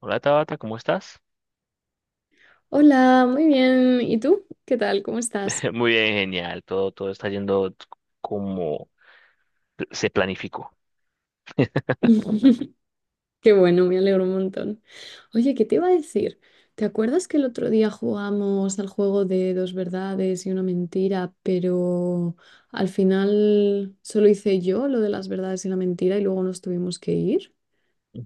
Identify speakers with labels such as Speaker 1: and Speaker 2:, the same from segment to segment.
Speaker 1: Hola Tabata, ¿cómo estás?
Speaker 2: Hola, muy bien. ¿Y tú? ¿Qué tal? ¿Cómo estás?
Speaker 1: Muy bien, genial. Todo está yendo como se planificó.
Speaker 2: Qué bueno, me alegro un montón. Oye, ¿qué te iba a decir? ¿Te acuerdas que el otro día jugamos al juego de dos verdades y una mentira, pero al final solo hice yo lo de las verdades y la mentira y luego nos tuvimos que ir?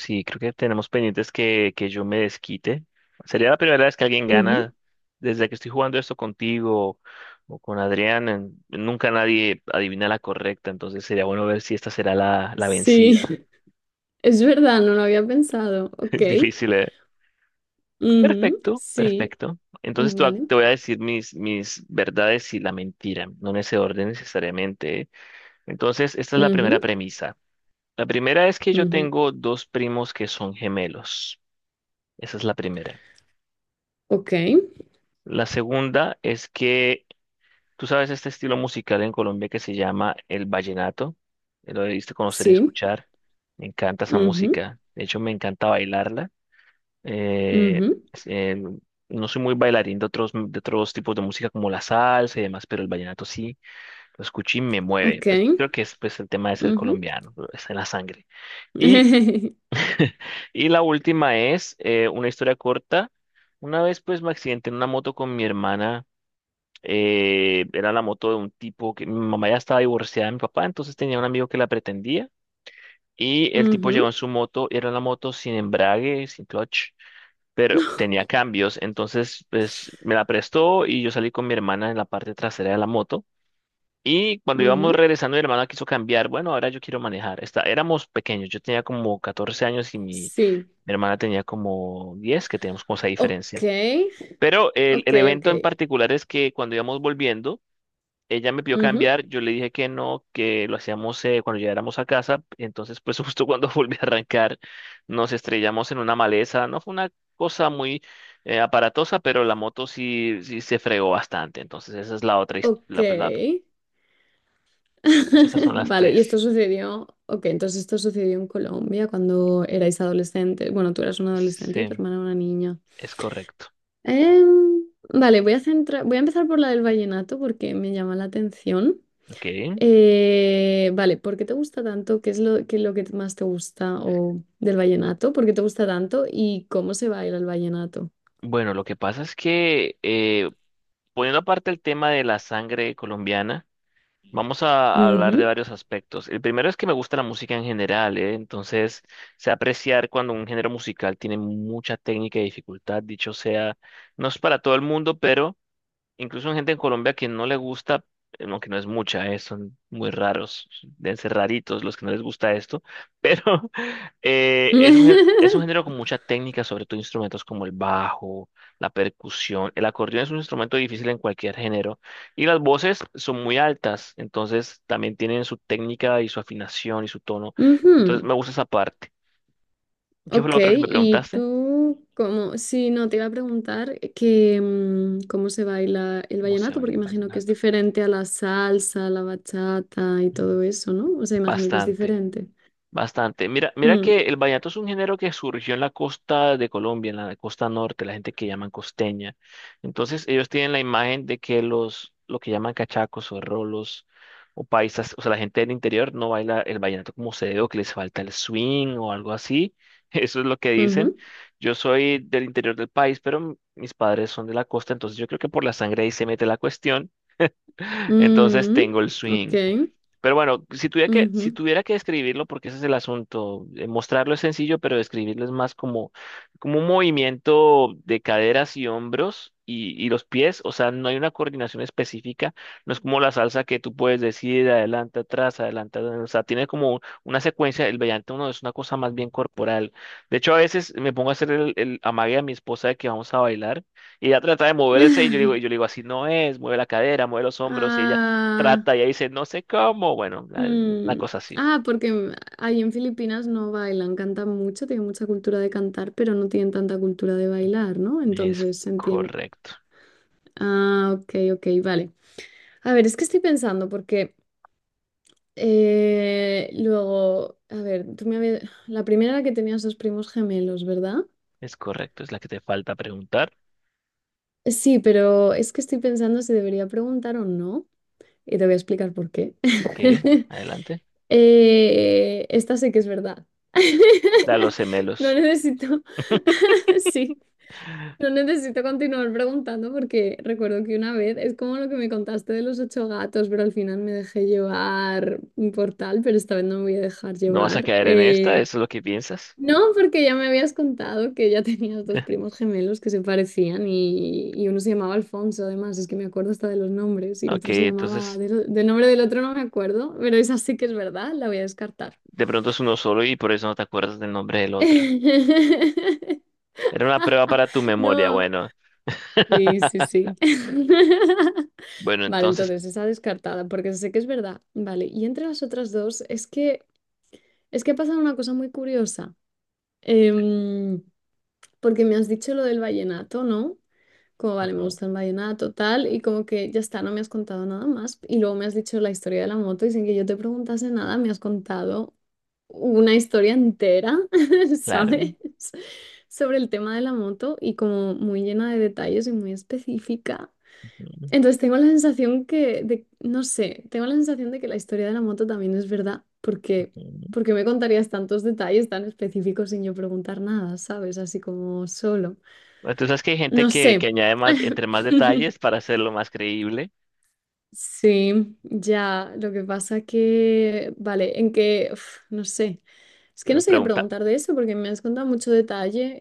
Speaker 1: Sí, creo que tenemos pendientes que yo me desquite. Sería la primera vez que alguien
Speaker 2: Ujú.
Speaker 1: gana. Desde que estoy jugando esto contigo o con Adrián, nunca nadie adivina la correcta. Entonces sería bueno ver si esta será la
Speaker 2: Sí,
Speaker 1: vencida.
Speaker 2: es verdad, no lo había pensado. Ok.
Speaker 1: Es difícil, ¿eh?
Speaker 2: Ujú,
Speaker 1: Perfecto,
Speaker 2: sí,
Speaker 1: perfecto. Entonces te voy
Speaker 2: vale.
Speaker 1: te voy a decir mis verdades y la mentira, no en ese orden necesariamente, ¿eh? Entonces, esta es la primera
Speaker 2: Ujú,
Speaker 1: premisa. La primera es que yo
Speaker 2: ujú.
Speaker 1: tengo dos primos que son gemelos. Esa es la primera.
Speaker 2: Ok,
Speaker 1: La segunda es que tú sabes este estilo musical en Colombia que se llama el vallenato. Lo debiste conocer y
Speaker 2: sí.
Speaker 1: escuchar. Me encanta esa
Speaker 2: Ujú,
Speaker 1: música. De hecho, me encanta bailarla. Eh,
Speaker 2: ujú.
Speaker 1: es- eh, no soy muy bailarín de otros tipos de música como la salsa y demás, pero el vallenato sí lo escuché y me mueve.
Speaker 2: Ok.
Speaker 1: Pues, creo que es pues, el tema de ser
Speaker 2: Ujú.
Speaker 1: colombiano, está en la sangre. Y y la última es una historia corta. Una vez pues me accidenté en una moto con mi hermana. Era la moto de un tipo que mi mamá ya estaba divorciada de mi papá, entonces tenía un amigo que la pretendía. Y el tipo llegó
Speaker 2: Ujú.
Speaker 1: en su moto, era una moto sin embrague, sin clutch, pero tenía cambios. Entonces pues me la prestó y yo salí con mi hermana en la parte trasera de la moto. Y cuando íbamos
Speaker 2: Ujú.
Speaker 1: regresando, mi hermana quiso cambiar. Bueno, ahora yo quiero manejar. Está, éramos pequeños, yo tenía como 14 años y mi
Speaker 2: Sí.
Speaker 1: mi hermana tenía como 10, que teníamos como esa
Speaker 2: Ok.
Speaker 1: diferencia. Pero el,
Speaker 2: Ok,
Speaker 1: el
Speaker 2: ok.
Speaker 1: evento en particular es que cuando íbamos volviendo, ella me pidió
Speaker 2: Ujú.
Speaker 1: cambiar, yo le dije que no, que lo hacíamos cuando llegáramos a casa. Entonces, pues justo cuando volví a arrancar, nos estrellamos en una maleza. No fue una cosa muy aparatosa, pero la moto sí se fregó bastante. Entonces, esa es la otra,
Speaker 2: Ok.
Speaker 1: esas son las
Speaker 2: Vale, y esto
Speaker 1: tres.
Speaker 2: sucedió. Ok, entonces esto sucedió en Colombia cuando erais adolescentes. Bueno, tú eras una adolescente y tu
Speaker 1: Sí,
Speaker 2: hermana una niña.
Speaker 1: es correcto.
Speaker 2: Em, vale, voy a empezar por la del vallenato porque me llama la atención.
Speaker 1: Ok.
Speaker 2: Vale, ¿por qué te gusta tanto? ¿Qué es lo que más te gusta o del vallenato? ¿Por qué te gusta tanto? ¿Y cómo se baila el vallenato?
Speaker 1: Bueno, lo que pasa es que poniendo aparte el tema de la sangre colombiana, vamos a hablar de
Speaker 2: Ujú.
Speaker 1: varios aspectos. El primero es que me gusta la música en general, ¿eh? Entonces, sé apreciar cuando un género musical tiene mucha técnica y dificultad. Dicho sea, no es para todo el mundo, pero incluso hay gente en Colombia que no le gusta, aunque no es mucha, son muy raros, deben ser raritos los que no les gusta esto, pero es un género con mucha técnica, sobre todo instrumentos como el bajo, la percusión. El acordeón es un instrumento difícil en cualquier género y las voces son muy altas, entonces también tienen su técnica y su afinación y su tono. Entonces
Speaker 2: Ujú.
Speaker 1: me gusta esa parte. ¿Qué fue lo
Speaker 2: Ok,
Speaker 1: otro que me
Speaker 2: y
Speaker 1: preguntaste?
Speaker 2: tú, como, si no, te iba a preguntar que cómo se baila el
Speaker 1: ¿Cómo se
Speaker 2: vallenato,
Speaker 1: baila
Speaker 2: porque
Speaker 1: el
Speaker 2: imagino que es
Speaker 1: vallenato?
Speaker 2: diferente a la salsa, la bachata y
Speaker 1: Mm.
Speaker 2: todo eso, ¿no? O sea, imagino que es
Speaker 1: Bastante.
Speaker 2: diferente.
Speaker 1: Bastante. Mira, mira
Speaker 2: Mm,
Speaker 1: que el vallenato es un género que surgió en la costa de Colombia, en la costa norte, la gente que llaman costeña. Entonces, ellos tienen la imagen de que lo que llaman cachacos o rolos o paisas, o sea, la gente del interior no baila el vallenato como se debe o que les falta el swing o algo así. Eso es lo que dicen.
Speaker 2: ujú.
Speaker 1: Yo soy del interior del país, pero mis padres son de la costa, entonces yo creo que por la sangre ahí se mete la cuestión. Entonces
Speaker 2: Mm,
Speaker 1: tengo el
Speaker 2: ok.
Speaker 1: swing. Pero bueno, si tuviera que, si
Speaker 2: Ujú.
Speaker 1: tuviera que describirlo, porque ese es el asunto, mostrarlo es sencillo, pero describirlo es más como, como un movimiento de caderas y hombros y los pies, o sea, no hay una coordinación específica, no es como la salsa que tú puedes decir adelante, atrás, adelante, adelante, o sea, tiene como una secuencia, el vellante uno es una cosa más bien corporal. De hecho, a veces me pongo a hacer el amague a mi esposa de que vamos a bailar y ella trata de moverse y yo digo, y yo le digo, así no es, mueve la cadera, mueve los hombros y ella
Speaker 2: Ah,
Speaker 1: trata y ahí dice, no sé cómo. Bueno, la
Speaker 2: mm,
Speaker 1: cosa así.
Speaker 2: ah, porque ahí en Filipinas no bailan, cantan mucho, tienen mucha cultura de cantar, pero no tienen tanta cultura de bailar, ¿no?
Speaker 1: Es
Speaker 2: Entonces se entiende.
Speaker 1: correcto.
Speaker 2: Ah, ok, ok, vale. A ver, es que estoy pensando, porque luego, a ver, La primera era que tenías dos primos gemelos, ¿verdad?
Speaker 1: Es correcto. Es la que te falta preguntar.
Speaker 2: Sí, pero es que estoy pensando si debería preguntar o no, y te voy a explicar por qué.
Speaker 1: Ok, adelante.
Speaker 2: Esta sé que es verdad.
Speaker 1: Da los
Speaker 2: No
Speaker 1: gemelos.
Speaker 2: necesito, sí, no necesito continuar preguntando porque recuerdo que una vez, es como lo que me contaste de los ocho gatos, pero al final me dejé llevar por tal, pero esta vez no me voy a dejar
Speaker 1: No vas a
Speaker 2: llevar.
Speaker 1: caer en esta, eso es lo que piensas.
Speaker 2: No, porque ya me habías contado que ya tenías dos primos gemelos que se parecían y uno se llamaba Alfonso, además, es que me acuerdo hasta de los nombres y
Speaker 1: Ok,
Speaker 2: otro se llamaba,
Speaker 1: entonces
Speaker 2: del nombre del otro no me acuerdo, pero esa sí que es verdad, la voy a descartar.
Speaker 1: de pronto es uno solo y por eso no te acuerdas del nombre del otro. Era una prueba para tu memoria,
Speaker 2: No,
Speaker 1: bueno.
Speaker 2: sí, sí, sí.
Speaker 1: Bueno,
Speaker 2: Vale,
Speaker 1: entonces,
Speaker 2: entonces esa descartada, porque sé que es verdad. Vale, y entre las otras dos, es que ha pasado una cosa muy curiosa. Em, porque me has dicho lo del vallenato, ¿no? Como vale, me
Speaker 1: ujú,
Speaker 2: gusta el vallenato, tal, y como que ya está, no me has contado nada más. Y luego me has dicho la historia de la moto y sin que yo te preguntase nada, me has contado una historia entera,
Speaker 1: claro.
Speaker 2: ¿sabes? Sobre el tema de la moto y como muy llena de detalles y muy específica.
Speaker 1: Ujú,
Speaker 2: Entonces tengo la sensación que, de, no sé, tengo la sensación de que la historia de la moto también es verdad, porque,
Speaker 1: ujú.
Speaker 2: porque me contarías tantos detalles tan específicos sin yo preguntar nada, ¿sabes? Así como solo.
Speaker 1: Bueno, tú sabes que hay gente
Speaker 2: No
Speaker 1: que
Speaker 2: sé.
Speaker 1: añade más, entre más detalles para hacerlo más creíble,
Speaker 2: Sí, ya, lo que pasa que, vale, en que, uf, no sé, es que no
Speaker 1: pero
Speaker 2: sé qué
Speaker 1: pregunta.
Speaker 2: preguntar de eso porque me has contado mucho detalle,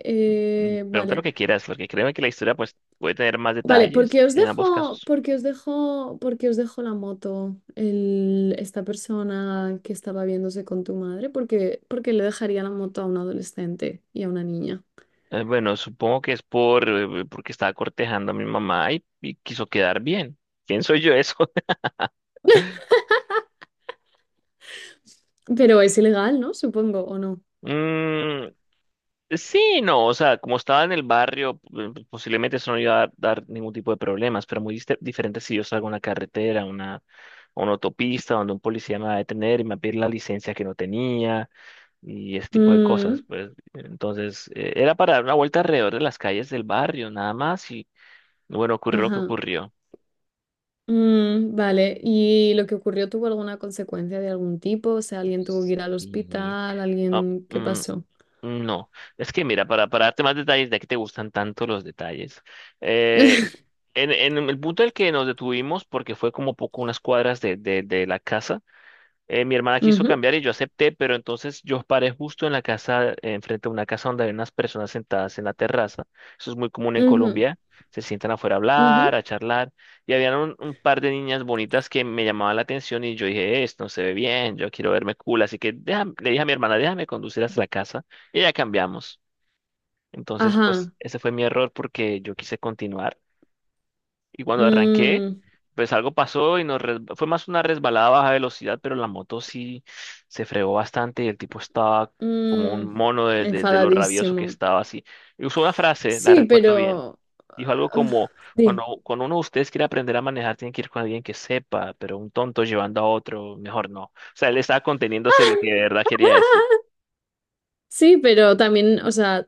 Speaker 1: Mm, pregunta lo
Speaker 2: vale,
Speaker 1: que quieras, porque créeme que la historia pues, puede tener más
Speaker 2: vale, porque
Speaker 1: detalles
Speaker 2: os
Speaker 1: en
Speaker 2: dejo,
Speaker 1: ambos casos.
Speaker 2: porque os dejo, porque os dejo la moto, el, esta persona que estaba viéndose con tu madre, porque le dejaría la moto a un adolescente y a una niña,
Speaker 1: Bueno, supongo que es por porque estaba cortejando a mi mamá y quiso quedar bien. ¿Quién soy yo eso?
Speaker 2: pero es ilegal, ¿no? Supongo, ¿o no?
Speaker 1: Mm, sí, no, o sea, como estaba en el barrio, posiblemente eso no iba a dar ningún tipo de problemas, pero muy diferente si yo salgo a una carretera, a una autopista, donde un policía me va a detener y me va a pedir la licencia que no tenía, y ese tipo de cosas,
Speaker 2: Mm,
Speaker 1: pues. Entonces, era para dar una vuelta alrededor de las calles del barrio, nada más, y bueno, ocurrió lo que
Speaker 2: ajá.
Speaker 1: ocurrió.
Speaker 2: Mm, vale, ¿y lo que ocurrió tuvo alguna consecuencia de algún tipo? O sea, alguien tuvo que ir al
Speaker 1: Y,
Speaker 2: hospital,
Speaker 1: ah,
Speaker 2: alguien, ¿qué
Speaker 1: mm,
Speaker 2: pasó?
Speaker 1: no, es que mira, para darte más detalles, de que te gustan tanto los detalles, eh, en el punto en el que nos detuvimos, porque fue como poco unas cuadras de la casa. Mi hermana quiso
Speaker 2: Ujú,
Speaker 1: cambiar y yo acepté, pero entonces yo paré justo en la casa, enfrente de una casa donde había unas personas sentadas en la terraza. Eso es muy común en
Speaker 2: ujú,
Speaker 1: Colombia. Se sientan afuera a hablar,
Speaker 2: ujú.
Speaker 1: a charlar. Y había un par de niñas bonitas que me llamaban la atención y yo dije, esto no se ve bien, yo quiero verme cool. Así que le dije a mi hermana, déjame conducir hasta la casa y ya cambiamos. Entonces, pues
Speaker 2: Ajá.
Speaker 1: ese fue mi error porque yo quise continuar. Y cuando arranqué,
Speaker 2: Mm,
Speaker 1: pues algo pasó y fue más una resbalada a baja velocidad, pero la moto sí se fregó bastante y el tipo estaba como un
Speaker 2: mm.
Speaker 1: mono de lo rabioso que
Speaker 2: Enfadadísimo.
Speaker 1: estaba así. Y usó una frase, la
Speaker 2: Sí,
Speaker 1: recuerdo bien. Dijo algo
Speaker 2: uf,
Speaker 1: como,
Speaker 2: sí.
Speaker 1: cuando uno de ustedes quiere aprender a manejar, tiene que ir con alguien que sepa, pero un tonto llevando a otro, mejor no. O sea, él estaba conteniéndose lo que de verdad quería decir.
Speaker 2: Sí, pero también, o sea,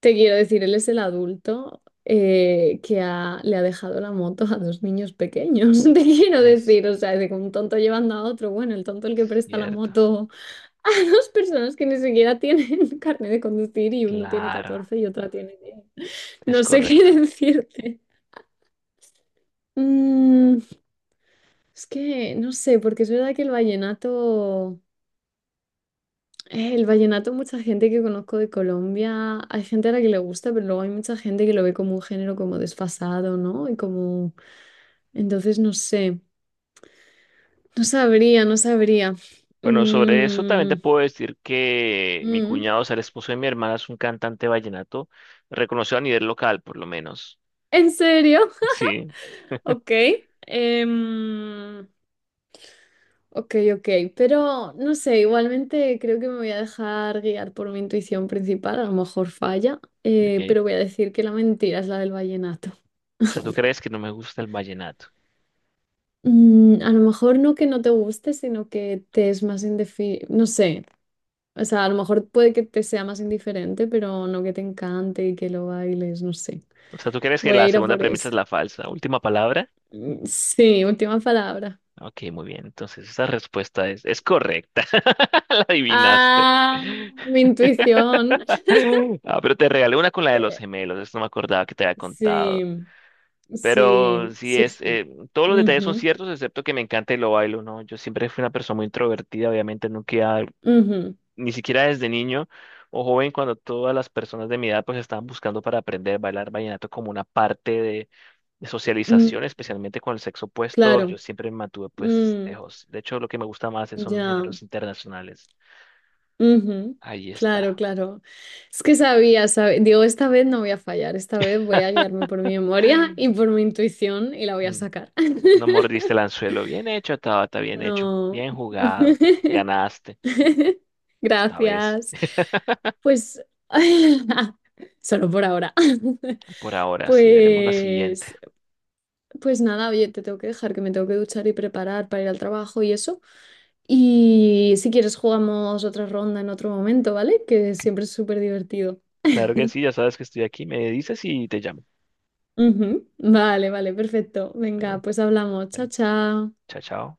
Speaker 2: te quiero decir, él es el adulto que le ha dejado la moto a dos niños pequeños. Te quiero
Speaker 1: Es
Speaker 2: decir, o sea, de que un tonto llevando a otro, bueno, el tonto el que presta la
Speaker 1: cierto,
Speaker 2: moto a dos personas que ni siquiera tienen carnet de conducir y uno tiene
Speaker 1: claro,
Speaker 2: 14 y otra tiene 10.
Speaker 1: es
Speaker 2: No sé qué
Speaker 1: correcto.
Speaker 2: decirte. Mm, es que no sé, porque es verdad que el vallenato, mucha gente que conozco de Colombia, hay gente a la que le gusta, pero luego hay mucha gente que lo ve como un género como desfasado, ¿no? Y como, entonces no sé, no sabría, no sabría.
Speaker 1: Bueno, sobre eso también te
Speaker 2: Mm,
Speaker 1: puedo decir que mi
Speaker 2: mm.
Speaker 1: cuñado, o sea, el esposo de mi hermana, es un cantante vallenato reconocido a nivel local, por lo menos.
Speaker 2: ¿En serio?
Speaker 1: Sí,
Speaker 2: Ok. Em, ok, ok, pero no sé, igualmente creo que me voy a dejar guiar por mi intuición principal, a lo mejor falla,
Speaker 1: ok.
Speaker 2: pero voy a decir que la mentira es la del vallenato.
Speaker 1: O sea, ¿tú crees que no me gusta el vallenato?
Speaker 2: Mm, a lo mejor no que no te guste, sino que te es más indiferente, no sé, o sea, a lo mejor puede que te sea más indiferente, pero no que te encante y que lo bailes, no sé.
Speaker 1: O sea, ¿tú crees que
Speaker 2: Voy a
Speaker 1: la
Speaker 2: ir a
Speaker 1: segunda
Speaker 2: por
Speaker 1: premisa
Speaker 2: eso.
Speaker 1: es la falsa? ¿Última palabra?
Speaker 2: Mm, sí, última palabra.
Speaker 1: Ok, muy bien. Entonces, esa respuesta es correcta. La adivinaste.
Speaker 2: Ah, mi intuición.
Speaker 1: Ah, pero te regalé una con la de los
Speaker 2: Eh,
Speaker 1: gemelos. Esto no me acordaba que te había contado.
Speaker 2: sí.
Speaker 1: Pero
Speaker 2: Sí,
Speaker 1: sí
Speaker 2: sí,
Speaker 1: es,
Speaker 2: sí.
Speaker 1: todos los detalles son
Speaker 2: Ujú,
Speaker 1: ciertos, excepto que me encanta y lo bailo, ¿no? Yo siempre fui una persona muy introvertida, obviamente nunca,
Speaker 2: ujú,
Speaker 1: ni siquiera desde niño o joven, cuando todas las personas de mi edad pues estaban buscando para aprender a bailar vallenato como una parte de
Speaker 2: mm,
Speaker 1: socialización, especialmente con el sexo opuesto,
Speaker 2: claro.
Speaker 1: yo siempre me mantuve pues
Speaker 2: mm,
Speaker 1: lejos. De hecho, lo que me gusta más son
Speaker 2: ya.
Speaker 1: géneros internacionales.
Speaker 2: Ujú,
Speaker 1: Ahí
Speaker 2: claro,
Speaker 1: está.
Speaker 2: claro. Es que sabía, sabía. Digo, esta vez no voy a fallar. Esta vez voy a guiarme por mi memoria y por mi intuición y la voy a
Speaker 1: Mm,
Speaker 2: sacar.
Speaker 1: no mordiste el anzuelo. Bien hecho, Tabata, bien hecho.
Speaker 2: No.
Speaker 1: Bien jugado. Ganaste esta vez.
Speaker 2: Gracias. Pues solo por ahora.
Speaker 1: Por ahora, sí, veremos la siguiente.
Speaker 2: Pues, pues nada, oye, te tengo que dejar que me tengo que duchar y preparar para ir al trabajo y eso. Y si quieres jugamos otra ronda en otro momento, ¿vale? Que siempre es súper divertido.
Speaker 1: Claro que sí, ya sabes que estoy aquí, me dices y te llamo.
Speaker 2: Ujú. Vale, vale, perfecto. Venga,
Speaker 1: Bueno,
Speaker 2: pues hablamos. Chao,
Speaker 1: bueno,
Speaker 2: chao.
Speaker 1: chao, chao.